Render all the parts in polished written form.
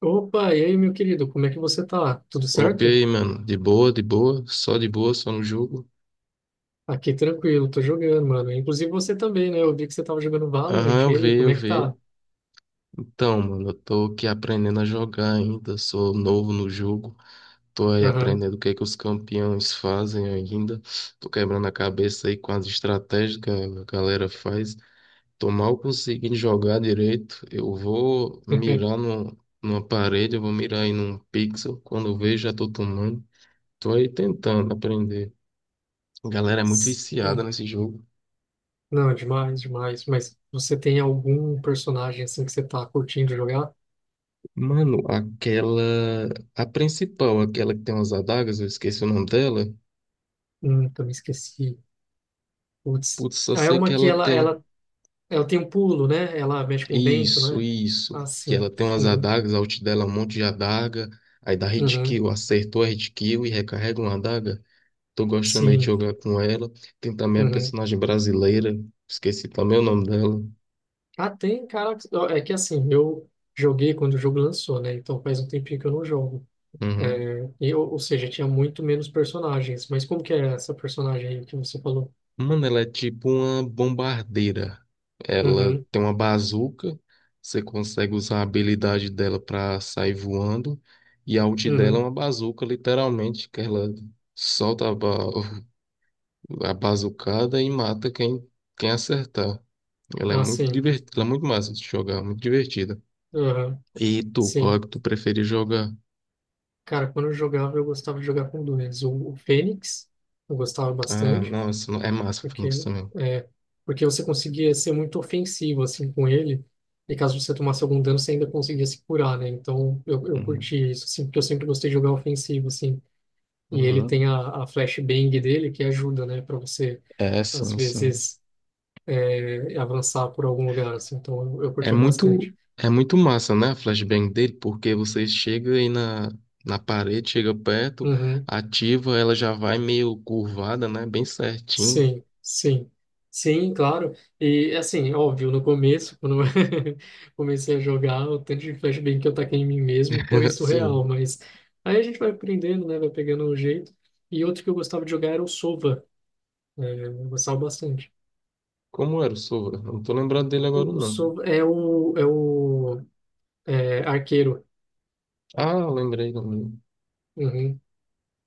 Opa, e aí, meu querido, como é que você tá? Tudo Opa, e certo? aí, mano? De boa, só no jogo. Aqui tranquilo, tô jogando, mano. Inclusive você também, né? Eu vi que você tava jogando Valorant. Aham, E eu aí, vi, como eu é que tá? vi. Então, mano, eu tô aqui aprendendo a jogar ainda, sou novo no jogo. Tô aí Aham. aprendendo o que é que os campeões fazem ainda. Tô quebrando a cabeça aí com as estratégias que a galera faz. Tô mal conseguindo jogar direito. Eu vou mirar no, numa parede, eu vou mirar aí num pixel. Quando eu vejo, já tô tomando. Tô aí tentando aprender. A galera é muito viciada Sim. nesse jogo. Não, demais, demais. Mas você tem algum personagem assim que você tá curtindo jogar? Mano, aquela. A principal, aquela que tem umas adagas, eu esqueci o nome dela. Eu me esqueci. Putz. Putz, só Ah, é sei que uma que ela ela, tem. ela, ela tem um pulo, né? Ela mexe com o vento, não Isso, é? Ah, isso. Que sim. ela tem umas Uhum. adagas, a ult dela é um monte de adaga. Aí dá hit Uhum. kill, acertou a hit kill e recarrega uma adaga. Tô gostando aí de Sim. jogar com ela. Tem também a Uhum. personagem brasileira, esqueci também o nome dela. Ah, tem, cara. É que assim, eu joguei quando o jogo lançou, né? Então faz um tempinho que eu não jogo. Uhum. É, ou seja, tinha muito menos personagens. Mas como que é essa personagem aí que você falou? Mano, ela é tipo uma bombardeira. Ela Uhum, tem uma bazuca, você consegue usar a habilidade dela pra sair voando, e a ult dela é uhum. uma bazuca, literalmente, que ela solta a, ba a bazucada e mata quem acertar. Ela é Ah, muito sim. divertida, ela é muito massa de jogar, muito divertida. Uhum, E tu, qual é sim. que tu prefere jogar? Cara, quando eu jogava, eu gostava de jogar com dois. O Fênix, eu gostava Ah, bastante, nossa, é massa o Phoenix porque, também. é, porque você conseguia ser muito ofensivo, assim, com ele. E caso você tomasse algum dano, você ainda conseguia se curar, né? Então, eu Uhum. curti isso, assim, porque eu sempre gostei de jogar ofensivo, assim. E ele tem Uhum. a flashbang dele que ajuda, né, para você, É, às sim, sim. vezes, avançar por algum lugar, assim. Então, eu É curtia muito, bastante. é muito massa, né, a flashbang dele, porque você chega aí na parede, chega perto, Uhum. ativa, ela já vai meio curvada, né, bem certinho. Sim, sim. Sim, claro. E, assim, óbvio, no começo, quando eu comecei a jogar, o tanto de flashbang que eu taquei em mim mesmo foi surreal, Assim, mas aí a gente vai aprendendo, né, vai pegando o jeito. E outro que eu gostava de jogar era o Sova. Eu gostava bastante. como era o Sovra? Não tô lembrado dele agora, O não. Sova é o arqueiro. Ah, lembrei também. Uhum.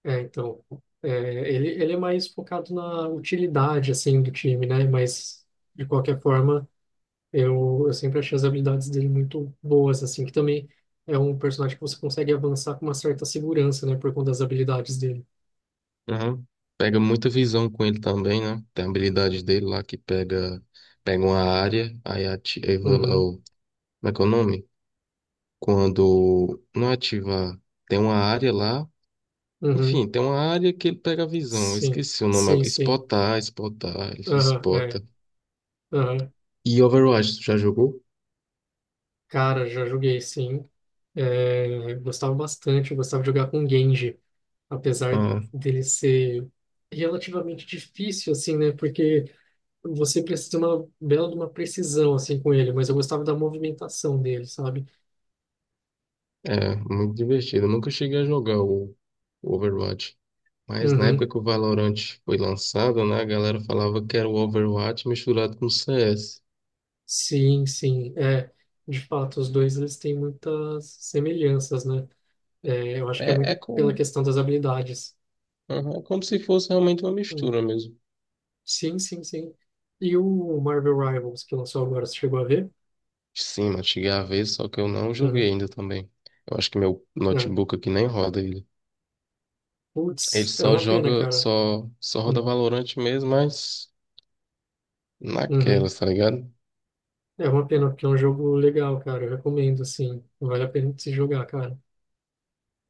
Então, é, ele é mais focado na utilidade, assim, do time, né? Mas, de qualquer forma, eu sempre achei as habilidades dele muito boas, assim, que também é um personagem que você consegue avançar com uma certa segurança, né? Por conta das habilidades dele. Aham. Pega muita visão com ele também, né? Tem a habilidade dele lá que pega uma área, aí ativa, Uhum, ou, como é que é o nome? Quando não ativa, tem uma área lá, uhum, enfim, tem uma área que ele pega a visão. Eu sim, esqueci o nome sim, agora. sim. Spotar, Spotar, ele Aham, é, Spota. aham. E Overwatch, tu já jogou? Cara, já joguei, sim. É, gostava bastante, eu gostava de jogar com Genji, apesar Ah, dele ser relativamente difícil, assim, né? Porque você precisa de uma bela de uma precisão assim com ele, mas eu gostava da movimentação dele, sabe? é, muito divertido. Eu nunca cheguei a jogar o Overwatch. Mas na Uhum. época que o Valorant foi lançado, né, a galera falava que era o Overwatch misturado com o CS. Sim, sim, é. De fato, os dois eles têm muitas semelhanças, né? É, eu acho que é É muito pela como, questão das habilidades. aham, é como se fosse realmente uma Hum. mistura mesmo. Sim, sim, sim. E o Marvel Rivals que lançou agora, você chegou a ver? Sim, mas cheguei a ver, só que eu não joguei Uhum. ainda também. Eu acho que meu É. notebook aqui nem roda ele. Ele Putz, é só uma pena, joga, cara. só roda Uhum. Valorant mesmo, mas Uhum. naquelas, tá ligado? É uma pena, porque é um jogo legal, cara. Eu recomendo, assim. Vale a pena de se jogar, cara.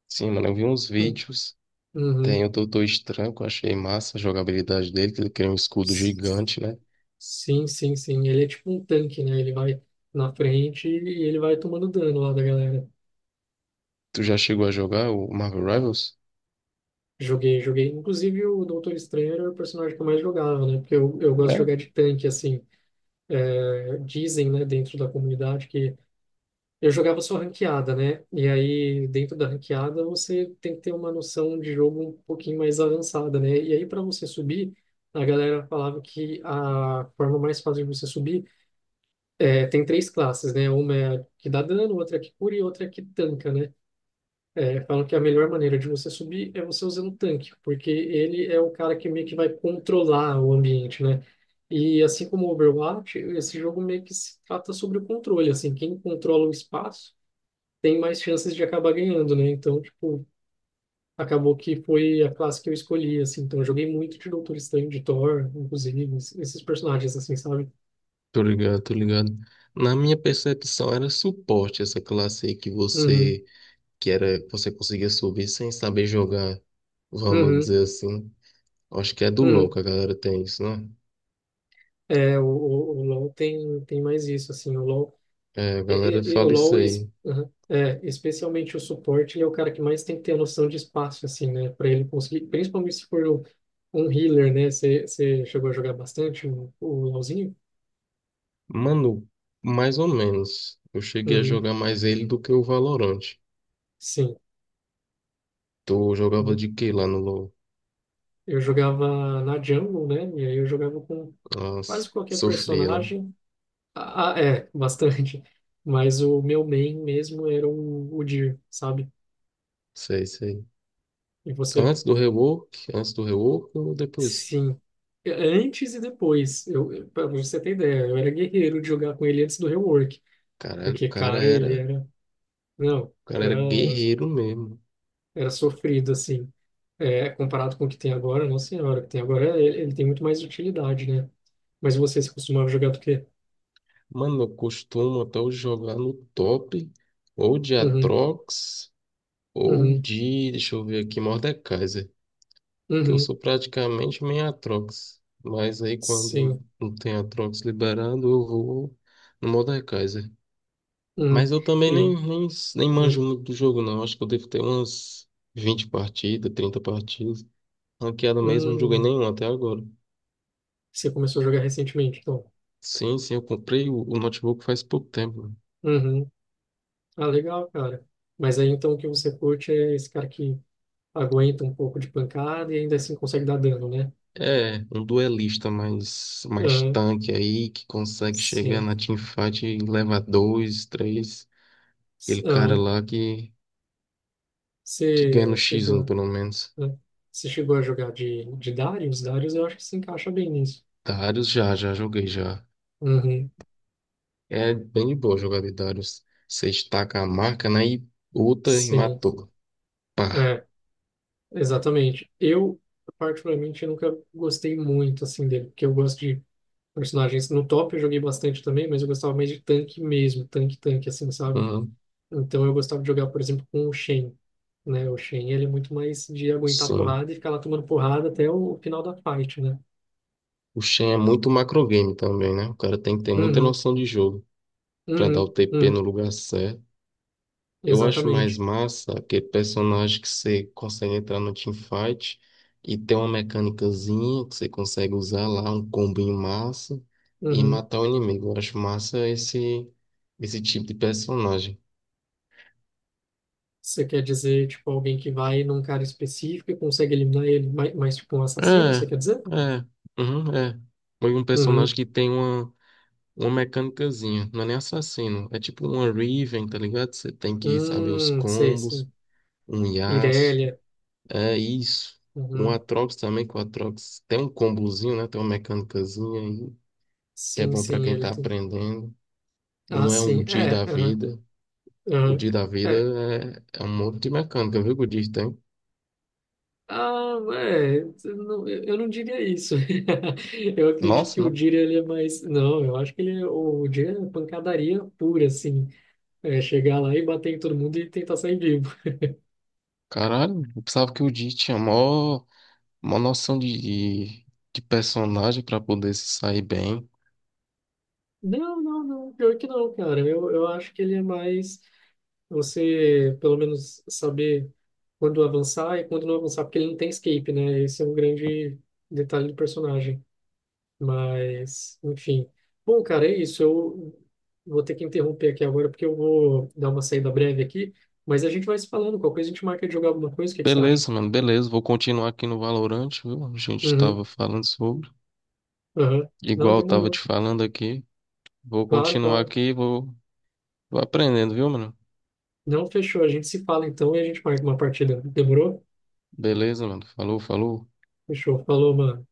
Sim, mano, eu vi uns Uhum. vídeos. Tem o Doutor Estranho, que eu achei massa a jogabilidade dele, que ele cria um escudo Uhum. gigante, né? Sim, sim, sim. Ele é tipo um tanque, né? Ele vai na frente e ele vai tomando dano lá da galera. Tu já chegou a jogar o Marvel Rivals? Joguei, joguei. Inclusive, o Doutor Estranho era o personagem que eu mais jogava, né? Porque eu gosto de É? jogar de tanque, assim. É, dizem, né, dentro da comunidade que eu jogava só ranqueada, né? E aí, dentro da ranqueada, você tem que ter uma noção de jogo um pouquinho mais avançada, né? E aí, para você subir, a galera falava que a forma mais fácil de você subir. É, tem três classes, né? Uma é a que dá dano, outra é a que cura e outra é a que tanca, né? É, falam que a melhor maneira de você subir é você usando o tanque, porque ele é o cara que meio que vai controlar o ambiente, né? E assim como o Overwatch, esse jogo meio que se trata sobre o controle, assim, quem controla o espaço tem mais chances de acabar ganhando, né? Então, tipo, acabou que foi a classe que eu escolhi, assim, então eu joguei muito de Doutor Estranho, de Thor, inclusive, esses personagens, assim, sabe? Tô ligado, tô ligado. Na minha percepção era suporte essa classe aí que Uhum, você que era, você conseguia subir sem saber jogar, vamos uhum, dizer assim. Acho que é do LoL uhum. que a galera tem isso, né? É, o LoL tem, tem mais isso, assim, o LoL, É, a galera o fala isso LoL aí. aham, é, especialmente o suporte, ele é o cara que mais tem que ter a noção de espaço, assim, né, para ele conseguir, principalmente se for um, um healer, né, você chegou a jogar bastante o LoLzinho? Mano, mais ou menos. Eu cheguei a Uhum, jogar mais ele do que o Valorant. sim, Tu jogava eu, de quê lá no LoL? eu jogava na jungle, né, e aí eu jogava com Nossa, quase qualquer sofria, né? personagem, bastante, mas o meu main mesmo era o Dir, sabe? Sei, sei. E você? Antes do rework ou depois? Sim. É, antes e depois. Pra você ter ideia, eu era guerreiro de jogar com ele antes do rework. Caralho, Porque, cara, ele era. Não, o cara era era, guerreiro mesmo. era sofrido, assim. É, comparado com o que tem agora, nossa senhora, o que tem agora, ele tem muito mais utilidade, né? Mas você se costumava jogar do quê? Mano, eu costumo até hoje jogar no top, ou de Uhum, Atrox, ou uhum, deixa eu ver aqui, Mordekaiser. Que eu uhum, sou praticamente meio Atrox. Mas aí quando sim, não tem Atrox liberado, eu vou no Mordekaiser. Mas uhum. eu também E, nem uhum, manjo muito do jogo, não. Acho que eu devo ter umas 20 partidas, 30 partidas. Ranqueada mesmo, não joguei uhum. nenhum até agora. Você começou a jogar recentemente, então. Sim, sim, eu comprei o notebook faz pouco tempo, né? Uhum. Ah, legal, cara. Mas aí então o que você curte é esse cara que aguenta um pouco de pancada e ainda assim consegue dar dano, né? É, um duelista mais Ah, tanque aí, que consegue chegar sim. na teamfight e levar dois, três. Aquele cara Ah, lá que ganha você no x um chegou, pelo menos. né? Você chegou a jogar de Darius? Darius eu acho que se encaixa bem nisso. Darius já joguei já. Uhum, É bem de boa jogar de Darius. Você estaca a marca, né? E luta e sim, matou. Pá. é, exatamente. Eu, particularmente, nunca gostei muito, assim, dele, porque eu gosto de personagens no top, eu joguei bastante também, mas eu gostava mais de tanque mesmo, tanque, tanque, assim, sabe? Uhum. Então eu gostava de jogar, por exemplo, com o Shen, né? O Shen, ele é muito mais de aguentar Sim. porrada e ficar lá tomando porrada até o final da fight, né? O Shen é muito macrogame também, né? O cara tem que ter muita Uhum, noção de jogo pra dar o uhum, TP no uhum, lugar certo. Eu acho mais exatamente. massa aquele personagem que você consegue entrar no teamfight e ter uma mecânicazinha que você consegue usar lá, um combinho massa e Uhum. matar o inimigo. Eu acho massa esse tipo de personagem. Você quer dizer, tipo, alguém que vai num cara específico e consegue eliminar ele, mas tipo, um assassino, É, você quer dizer? é, uhum, é. Foi um Uhum. personagem que tem uma mecânicazinha, não é nem assassino, é tipo uma Riven, tá ligado? Você tem que saber os Sei, sei. combos, um Yasuo, Irelia. é isso. Um Uhum. Atrox também, que o Atrox tem um combozinho, né? Tem uma mecânicazinha aí, que é Sim, bom pra sim, quem ele tá tem. aprendendo. Ah, Não é o sim. Di É, da aham, vida. O aham. Di da vida É, é um monte de mecânica, viu? Que o Di tem. Ah, é, eu não diria isso. Eu acredito que Nossa, o né? Dira ele é mais. Não, eu acho que o Dira é pancadaria pura, assim. É chegar lá e bater em todo mundo e tentar sair vivo. Caralho, eu pensava que o Di tinha mó. Uma noção de personagem pra poder se sair bem. Não, não, não, pior que não, cara. Eu acho que ele é mais você, pelo menos, saber quando avançar e quando não avançar, porque ele não tem escape, né? Esse é um grande detalhe do personagem. Mas, enfim. Bom, cara, é isso. Eu vou ter que interromper aqui agora porque eu vou dar uma saída breve aqui. Mas a gente vai se falando. Qualquer coisa a gente marca de jogar alguma coisa. O que que você acha? Beleza, mano, beleza. Vou continuar aqui no Valorante, viu? A gente tava Uhum, falando sobre. uhum. Não, Igual eu tava te demorou. falando aqui. Vou Claro, continuar claro. aqui e vou aprendendo, viu, mano? Não, fechou. A gente se fala então e a gente marca uma partida. Demorou? Beleza, mano. Falou, falou. Fechou. Falou, mano.